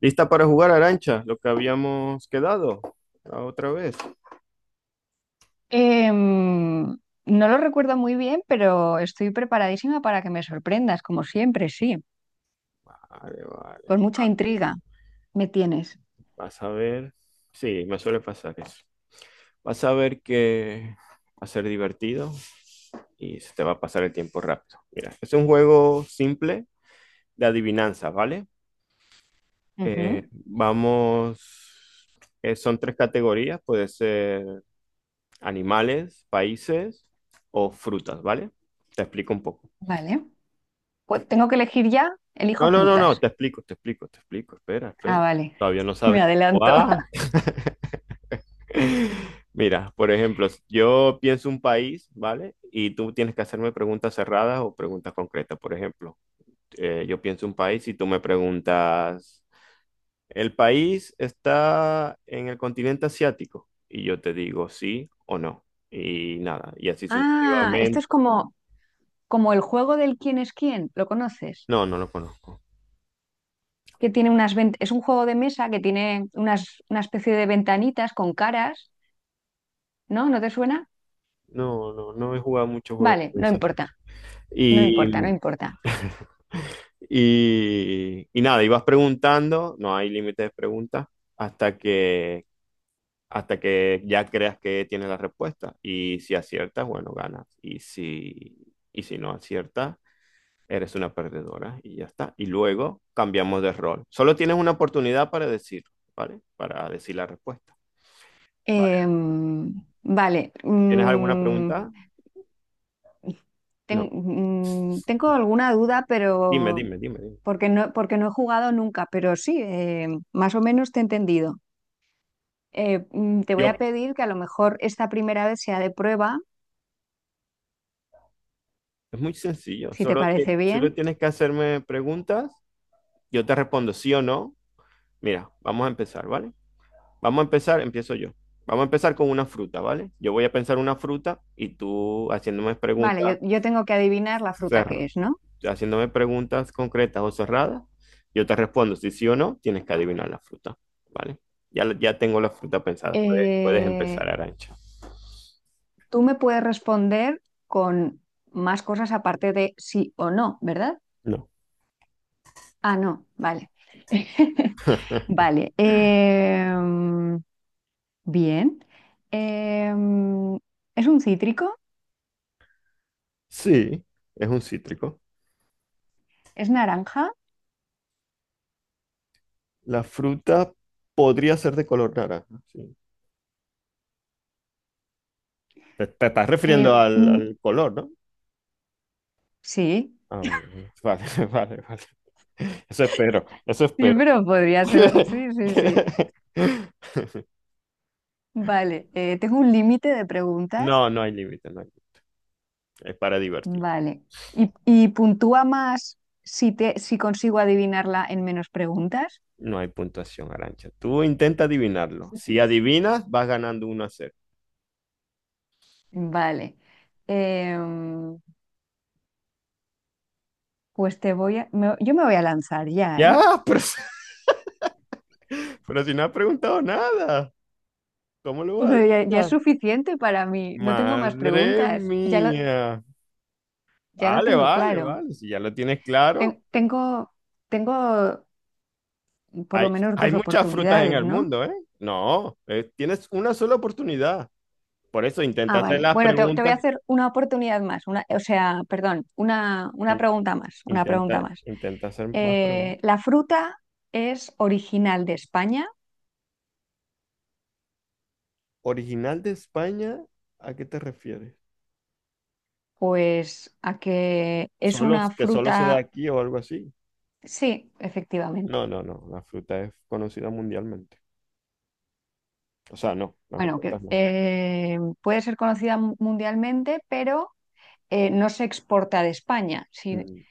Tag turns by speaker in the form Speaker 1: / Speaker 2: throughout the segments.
Speaker 1: ¿Lista para jugar, Arancha? Lo que habíamos quedado la otra vez.
Speaker 2: Em, no lo recuerdo muy bien, pero estoy preparadísima para que me sorprendas, como siempre, sí.
Speaker 1: Vale, vale.
Speaker 2: Con mucha intriga me tienes.
Speaker 1: Vas a ver. Sí, me suele pasar eso. Vas a ver que va a ser divertido y se te va a pasar el tiempo rápido. Mira, es un juego simple de adivinanza, ¿vale?
Speaker 2: Ujú.
Speaker 1: Vamos. Son tres categorías: puede ser animales, países o frutas, ¿vale? Te explico un poco.
Speaker 2: Vale. Pues, ¿tengo que elegir ya? Elijo
Speaker 1: No, no, no, no,
Speaker 2: frutas.
Speaker 1: te explico, te explico, te explico. Espera,
Speaker 2: Ah,
Speaker 1: espera.
Speaker 2: vale.
Speaker 1: Todavía no
Speaker 2: Me
Speaker 1: sabes cómo
Speaker 2: adelanto.
Speaker 1: va. Mira, por ejemplo, yo pienso un país, ¿vale? Y tú tienes que hacerme preguntas cerradas o preguntas concretas. Por ejemplo, yo pienso un país y tú me preguntas, ¿el país está en el continente asiático? Y yo te digo sí o no. Y nada, y así
Speaker 2: Ah, esto
Speaker 1: sucesivamente.
Speaker 2: es como, como el juego del quién es quién. ¿Lo conoces?
Speaker 1: No, no lo conozco.
Speaker 2: Que tiene unas ven- Es un juego de mesa que tiene unas, una especie de ventanitas con caras, ¿no? ¿No te suena?
Speaker 1: No, no, no he jugado muchos juegos
Speaker 2: Vale,
Speaker 1: de
Speaker 2: no importa,
Speaker 1: pensamiento.
Speaker 2: no importa, no
Speaker 1: Y
Speaker 2: importa.
Speaker 1: y nada, ibas preguntando, no hay límite de preguntas, hasta que, hasta que ya creas que tienes la respuesta. Y si aciertas, bueno, ganas. Y si no aciertas, eres una perdedora y ya está. Y luego cambiamos de rol. Solo tienes una oportunidad para decir, ¿vale? Para decir la respuesta. Vale.
Speaker 2: Em, vale,
Speaker 1: ¿Tienes alguna
Speaker 2: mm,
Speaker 1: pregunta? No.
Speaker 2: Tengo alguna duda, pero
Speaker 1: Dime, dime, dime, dime.
Speaker 2: porque no he jugado nunca, pero sí, más o menos te he entendido. Te voy a
Speaker 1: Bueno,
Speaker 2: pedir que a lo mejor esta primera vez sea de prueba,
Speaker 1: es muy sencillo.
Speaker 2: si te parece
Speaker 1: Solo
Speaker 2: bien.
Speaker 1: tienes que hacerme preguntas. Yo te respondo sí o no. Mira, vamos a empezar, ¿vale? Vamos a empezar, empiezo yo. Vamos a empezar con una fruta, ¿vale? Yo voy a pensar una fruta y tú haciéndome
Speaker 2: Vale,
Speaker 1: preguntas,
Speaker 2: yo tengo que adivinar la fruta
Speaker 1: cer-
Speaker 2: que es, ¿no?
Speaker 1: haciéndome preguntas concretas o cerradas, yo te respondo si sí o no, tienes que adivinar la fruta, ¿vale? Ya, ya tengo la fruta pensada, puedes
Speaker 2: Eh,
Speaker 1: empezar, Arancha.
Speaker 2: ¿Tú me puedes responder con más cosas aparte de sí o no, ¿verdad?
Speaker 1: No.
Speaker 2: Ah, no, vale. Vale, bien. Em, ¿Es un cítrico?
Speaker 1: Sí, es un cítrico.
Speaker 2: ¿Es naranja?
Speaker 1: La fruta podría ser de color naranja, sí. Te estás
Speaker 2: Eh,
Speaker 1: refiriendo al,
Speaker 2: mm,
Speaker 1: al color, ¿no?
Speaker 2: sí,
Speaker 1: Ah, bueno, bueno. Vale, vale, vale. Eso espero, eso
Speaker 2: sí,
Speaker 1: espero.
Speaker 2: pero podría ser. Sí, sí, sí. Vale, tengo un límite de preguntas.
Speaker 1: No, no hay límite, no hay límite. Es para divertir.
Speaker 2: Vale. ¿Y puntúa más si consigo adivinarla en menos preguntas?
Speaker 1: No hay puntuación, Arancha. Tú intenta adivinarlo. Si adivinas, vas ganando 1-0.
Speaker 2: Vale. Em, pues te voy a... yo me voy a lanzar ya, ¿eh?
Speaker 1: Ya, pero, si- pero si no has preguntado nada, ¿cómo lo
Speaker 2: O
Speaker 1: vas a
Speaker 2: sea, ya, ya es
Speaker 1: adivinar?
Speaker 2: suficiente para mí. No tengo más
Speaker 1: Madre
Speaker 2: preguntas.
Speaker 1: mía.
Speaker 2: Ya lo
Speaker 1: Vale,
Speaker 2: tengo
Speaker 1: vale,
Speaker 2: claro.
Speaker 1: vale. Si ya lo tienes claro,
Speaker 2: Ten- tengo, tengo por lo
Speaker 1: hay,
Speaker 2: menos
Speaker 1: hay
Speaker 2: dos
Speaker 1: muchas frutas en
Speaker 2: oportunidades,
Speaker 1: el
Speaker 2: ¿no?
Speaker 1: mundo, ¿eh? No, tienes una sola oportunidad. Por eso intenta
Speaker 2: Ah,
Speaker 1: hacer
Speaker 2: vale.
Speaker 1: las
Speaker 2: Bueno, te voy a
Speaker 1: preguntas.
Speaker 2: hacer una oportunidad más, una, o sea, perdón, una
Speaker 1: in-
Speaker 2: pregunta más, una pregunta
Speaker 1: Intenta,
Speaker 2: más.
Speaker 1: intenta hacer más preguntas.
Speaker 2: ¿La fruta es original de España?
Speaker 1: ¿Original de España? ¿A qué te refieres?
Speaker 2: Pues a que es
Speaker 1: ¿Solo,
Speaker 2: una
Speaker 1: que solo se da
Speaker 2: fruta,
Speaker 1: aquí o algo así?
Speaker 2: sí, efectivamente.
Speaker 1: No, no, no. La fruta es conocida mundialmente. O sea, no, las
Speaker 2: Bueno,
Speaker 1: respuestas
Speaker 2: que
Speaker 1: no.
Speaker 2: puede ser conocida mundialmente, pero no se exporta de España, si-
Speaker 1: Mm,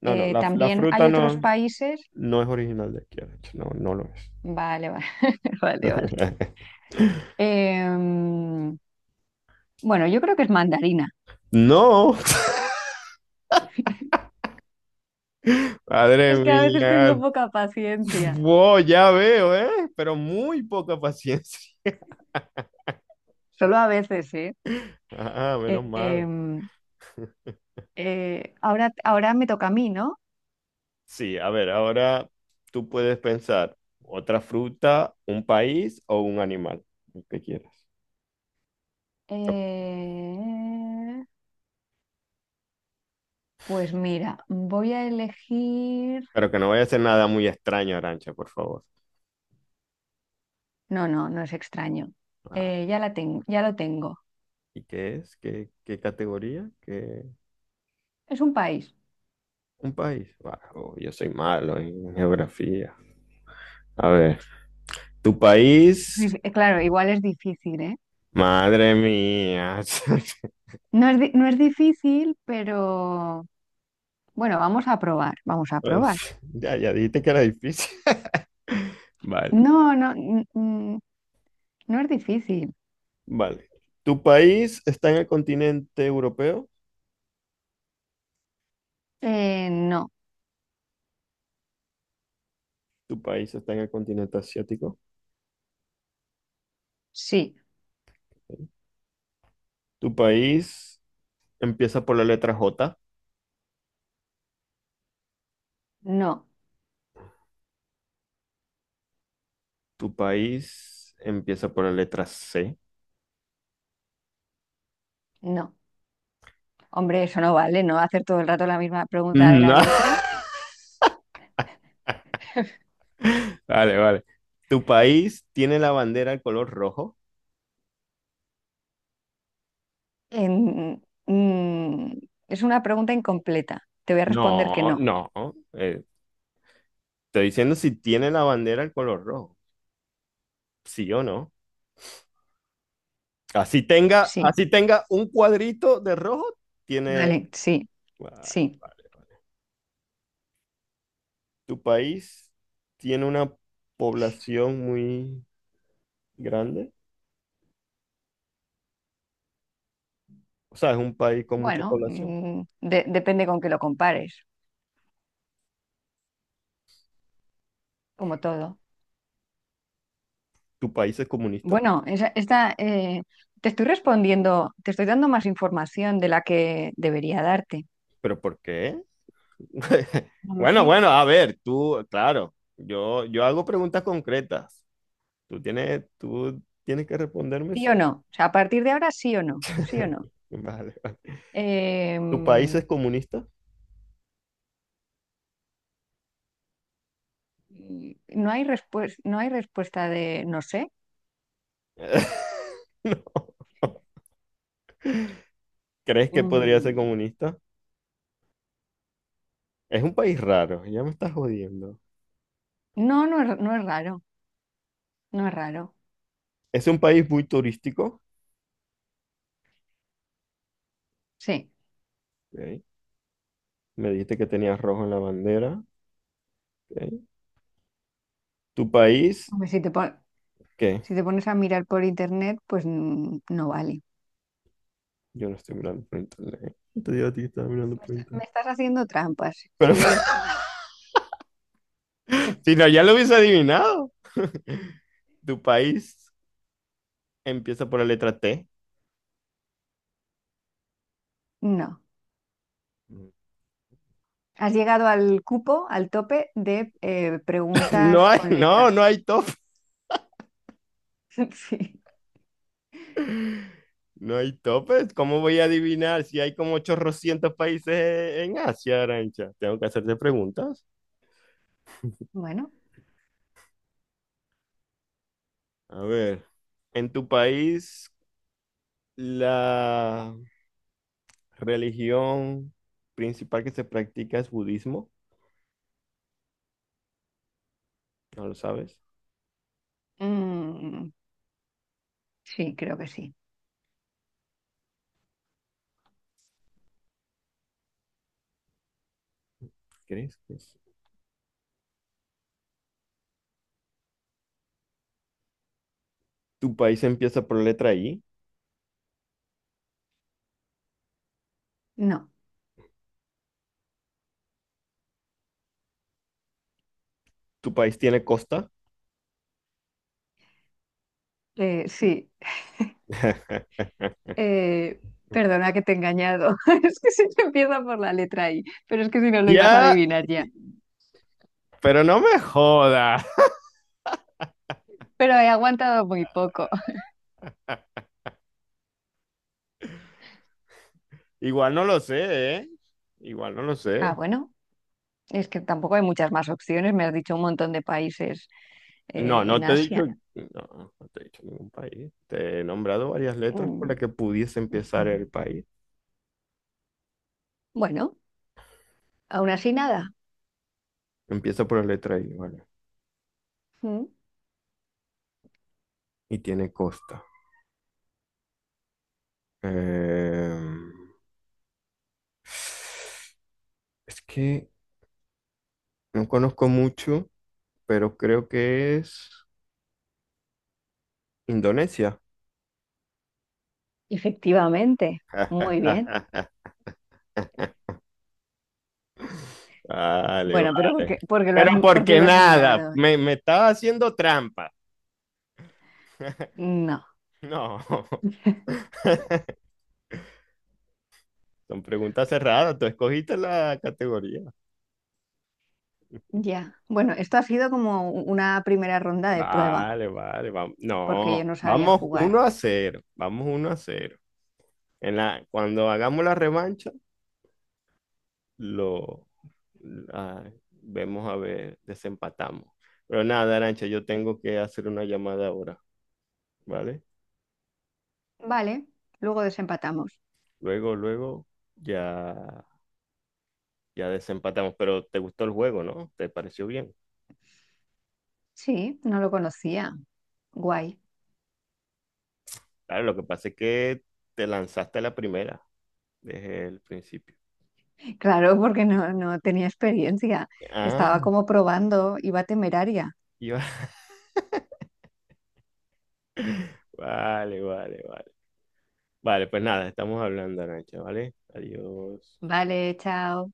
Speaker 1: No, no, la
Speaker 2: También
Speaker 1: fruta
Speaker 2: hay otros
Speaker 1: no,
Speaker 2: países.
Speaker 1: no es original de aquí, de hecho, no, no lo es.
Speaker 2: Vale, vale, vale, vale. Em, bueno, yo creo que es mandarina.
Speaker 1: No, madre
Speaker 2: Es que a veces
Speaker 1: mía.
Speaker 2: tengo poca paciencia.
Speaker 1: Wow, ya veo, ¿eh? Pero muy poca paciencia.
Speaker 2: Solo a veces, ¿eh?
Speaker 1: Ah, menos
Speaker 2: Eh,
Speaker 1: mal.
Speaker 2: em, ahora me toca a mí, ¿no?
Speaker 1: Sí, a ver, ahora tú puedes pensar otra fruta, un país o un animal, lo que quieras. Ok.
Speaker 2: Eh, pues mira, voy a elegir.
Speaker 1: Pero que no vaya a ser nada muy extraño, Arancha, por favor.
Speaker 2: No, no, no es extraño.
Speaker 1: Ah,
Speaker 2: Ya lo tengo.
Speaker 1: ¿y qué es? ¿Qué, qué categoría? ¿Qué...
Speaker 2: Es un país.
Speaker 1: ¿Un país? Bah, oh, yo soy malo en geografía. A ver, ¿tu país?
Speaker 2: Claro, igual es difícil, ¿eh?
Speaker 1: Madre mía.
Speaker 2: No es difícil, pero bueno, vamos a probar, vamos a probar.
Speaker 1: Pues, ya, ya dijiste que era difícil. Vale,
Speaker 2: No, no, mm, mm, no es difícil.
Speaker 1: vale. ¿Tu país está en el continente europeo?
Speaker 2: No,
Speaker 1: Tu país está en el continente asiático.
Speaker 2: sí,
Speaker 1: Tu país empieza por la letra J.
Speaker 2: no,
Speaker 1: Tu país empieza por la letra C.
Speaker 2: no. Hombre, eso no vale, no hacer todo el rato la misma pregunta de la
Speaker 1: No.
Speaker 2: letra.
Speaker 1: Vale, vale. ¿Tu país tiene la bandera al color rojo?
Speaker 2: En- mm, es una pregunta incompleta. Te voy a responder que
Speaker 1: No,
Speaker 2: no,
Speaker 1: no. Eh, estoy diciendo si tiene la bandera al color rojo. Sí o no.
Speaker 2: sí,
Speaker 1: Así tenga un cuadrito de rojo, tiene...
Speaker 2: vale, sí,
Speaker 1: Vale,
Speaker 2: sí.
Speaker 1: vale. ¿Tu país tiene una población muy grande? O sea, es un país con mucha
Speaker 2: Bueno,
Speaker 1: población.
Speaker 2: depende con que lo compares, como todo.
Speaker 1: Tu país es comunista.
Speaker 2: Bueno, te estoy respondiendo, te estoy dando más información de la que debería darte.
Speaker 1: ¿Pero por qué?
Speaker 2: No lo
Speaker 1: Bueno,
Speaker 2: sé.
Speaker 1: bueno, a ver, tú, claro, yo hago preguntas concretas. Tú tienes que responderme
Speaker 2: Sí
Speaker 1: sí.
Speaker 2: o
Speaker 1: o-
Speaker 2: no. O sea, a partir de ahora sí o no, sí o no.
Speaker 1: Vale, vale.
Speaker 2: Eh,
Speaker 1: ¿Tu país
Speaker 2: mm,
Speaker 1: es comunista?
Speaker 2: no hay respuesta, no hay respuesta de no sé.
Speaker 1: No. ¿Crees que podría ser
Speaker 2: Mm.
Speaker 1: comunista? Es un país raro, ya me estás jodiendo.
Speaker 2: No, no es, no es raro, no es raro.
Speaker 1: Es un país muy turístico.
Speaker 2: Sí.
Speaker 1: Ok. Me dijiste que tenías rojo en la bandera. Ok. ¿Tu país?
Speaker 2: Hombre,
Speaker 1: ¿Qué?
Speaker 2: si te pones a mirar por internet, pues no vale.
Speaker 1: Yo no estoy mirando por internet. Te digo a ti que estaba mirando por
Speaker 2: Me
Speaker 1: internet.
Speaker 2: estás haciendo trampas,
Speaker 1: Pero
Speaker 2: sí, yo lo sé.
Speaker 1: si no, ya lo hubiese adivinado. Tu país empieza por la letra T.
Speaker 2: No. Has llegado al cupo, al tope de preguntas con letra.
Speaker 1: No hay top.
Speaker 2: Sí.
Speaker 1: No hay topes. ¿Cómo voy a adivinar si hay como 800 países en Asia, Arancha? Tengo que hacerte preguntas.
Speaker 2: Bueno.
Speaker 1: A ver, en tu país, la religión principal que se practica es budismo. ¿No lo sabes?
Speaker 2: Mm, sí, creo que sí.
Speaker 1: ¿Crees que es? Tu país empieza por la letra I.
Speaker 2: No.
Speaker 1: Tu país tiene costa.
Speaker 2: Sí. Eh, perdona que te he engañado. Es que se empieza por la letra I, pero es que si no lo ibas a
Speaker 1: Ya,
Speaker 2: adivinar ya.
Speaker 1: pero no me joda.
Speaker 2: Pero he aguantado muy poco.
Speaker 1: Igual no lo sé, ¿eh? Igual no lo
Speaker 2: Ah,
Speaker 1: sé.
Speaker 2: bueno, es que tampoco hay muchas más opciones. Me has dicho un montón de países
Speaker 1: No, no
Speaker 2: en
Speaker 1: te he dicho,
Speaker 2: Asia.
Speaker 1: no, no te he dicho ningún país. Te he nombrado varias letras por
Speaker 2: Mm.
Speaker 1: las que pudiese empezar el
Speaker 2: Ujú.
Speaker 1: país.
Speaker 2: Bueno, aún así nada.
Speaker 1: Empieza por la letra I, ¿vale?
Speaker 2: Mm.
Speaker 1: Y tiene costa. Em, es que no conozco mucho, pero creo que es Indonesia.
Speaker 2: Efectivamente, muy bien.
Speaker 1: Vale,
Speaker 2: Bueno, pero
Speaker 1: vale.
Speaker 2: por qué lo
Speaker 1: Pero
Speaker 2: has, por qué
Speaker 1: porque
Speaker 2: lo has
Speaker 1: nada,
Speaker 2: mirado?
Speaker 1: me estaba haciendo trampa.
Speaker 2: No,
Speaker 1: No, son preguntas cerradas. Tú escogiste la categoría.
Speaker 2: ya. Bueno, esto ha sido como una primera ronda de prueba,
Speaker 1: Vale, vale, vamos.
Speaker 2: porque yo
Speaker 1: No,
Speaker 2: no sabía
Speaker 1: vamos
Speaker 2: jugar.
Speaker 1: 1-0. Vamos uno a cero. En la, cuando hagamos la revancha, lo ah, vemos a ver, desempatamos. Pero nada, Arancha, yo tengo que hacer una llamada ahora, ¿vale?
Speaker 2: Vale, luego desempatamos.
Speaker 1: Luego, ya ya desempatamos, pero te gustó el juego, ¿no? ¿Te pareció bien?
Speaker 2: Sí, no lo conocía. Guay.
Speaker 1: Claro, lo que pasa es que te lanzaste a la primera desde el principio.
Speaker 2: Claro, porque no, no tenía experiencia. Estaba
Speaker 1: Ah,
Speaker 2: como probando, iba temeraria.
Speaker 1: y va- vale, vale, vale. Vale, pues nada, estamos hablando, Arancha, ¿vale? Adiós.
Speaker 2: Vale, chao.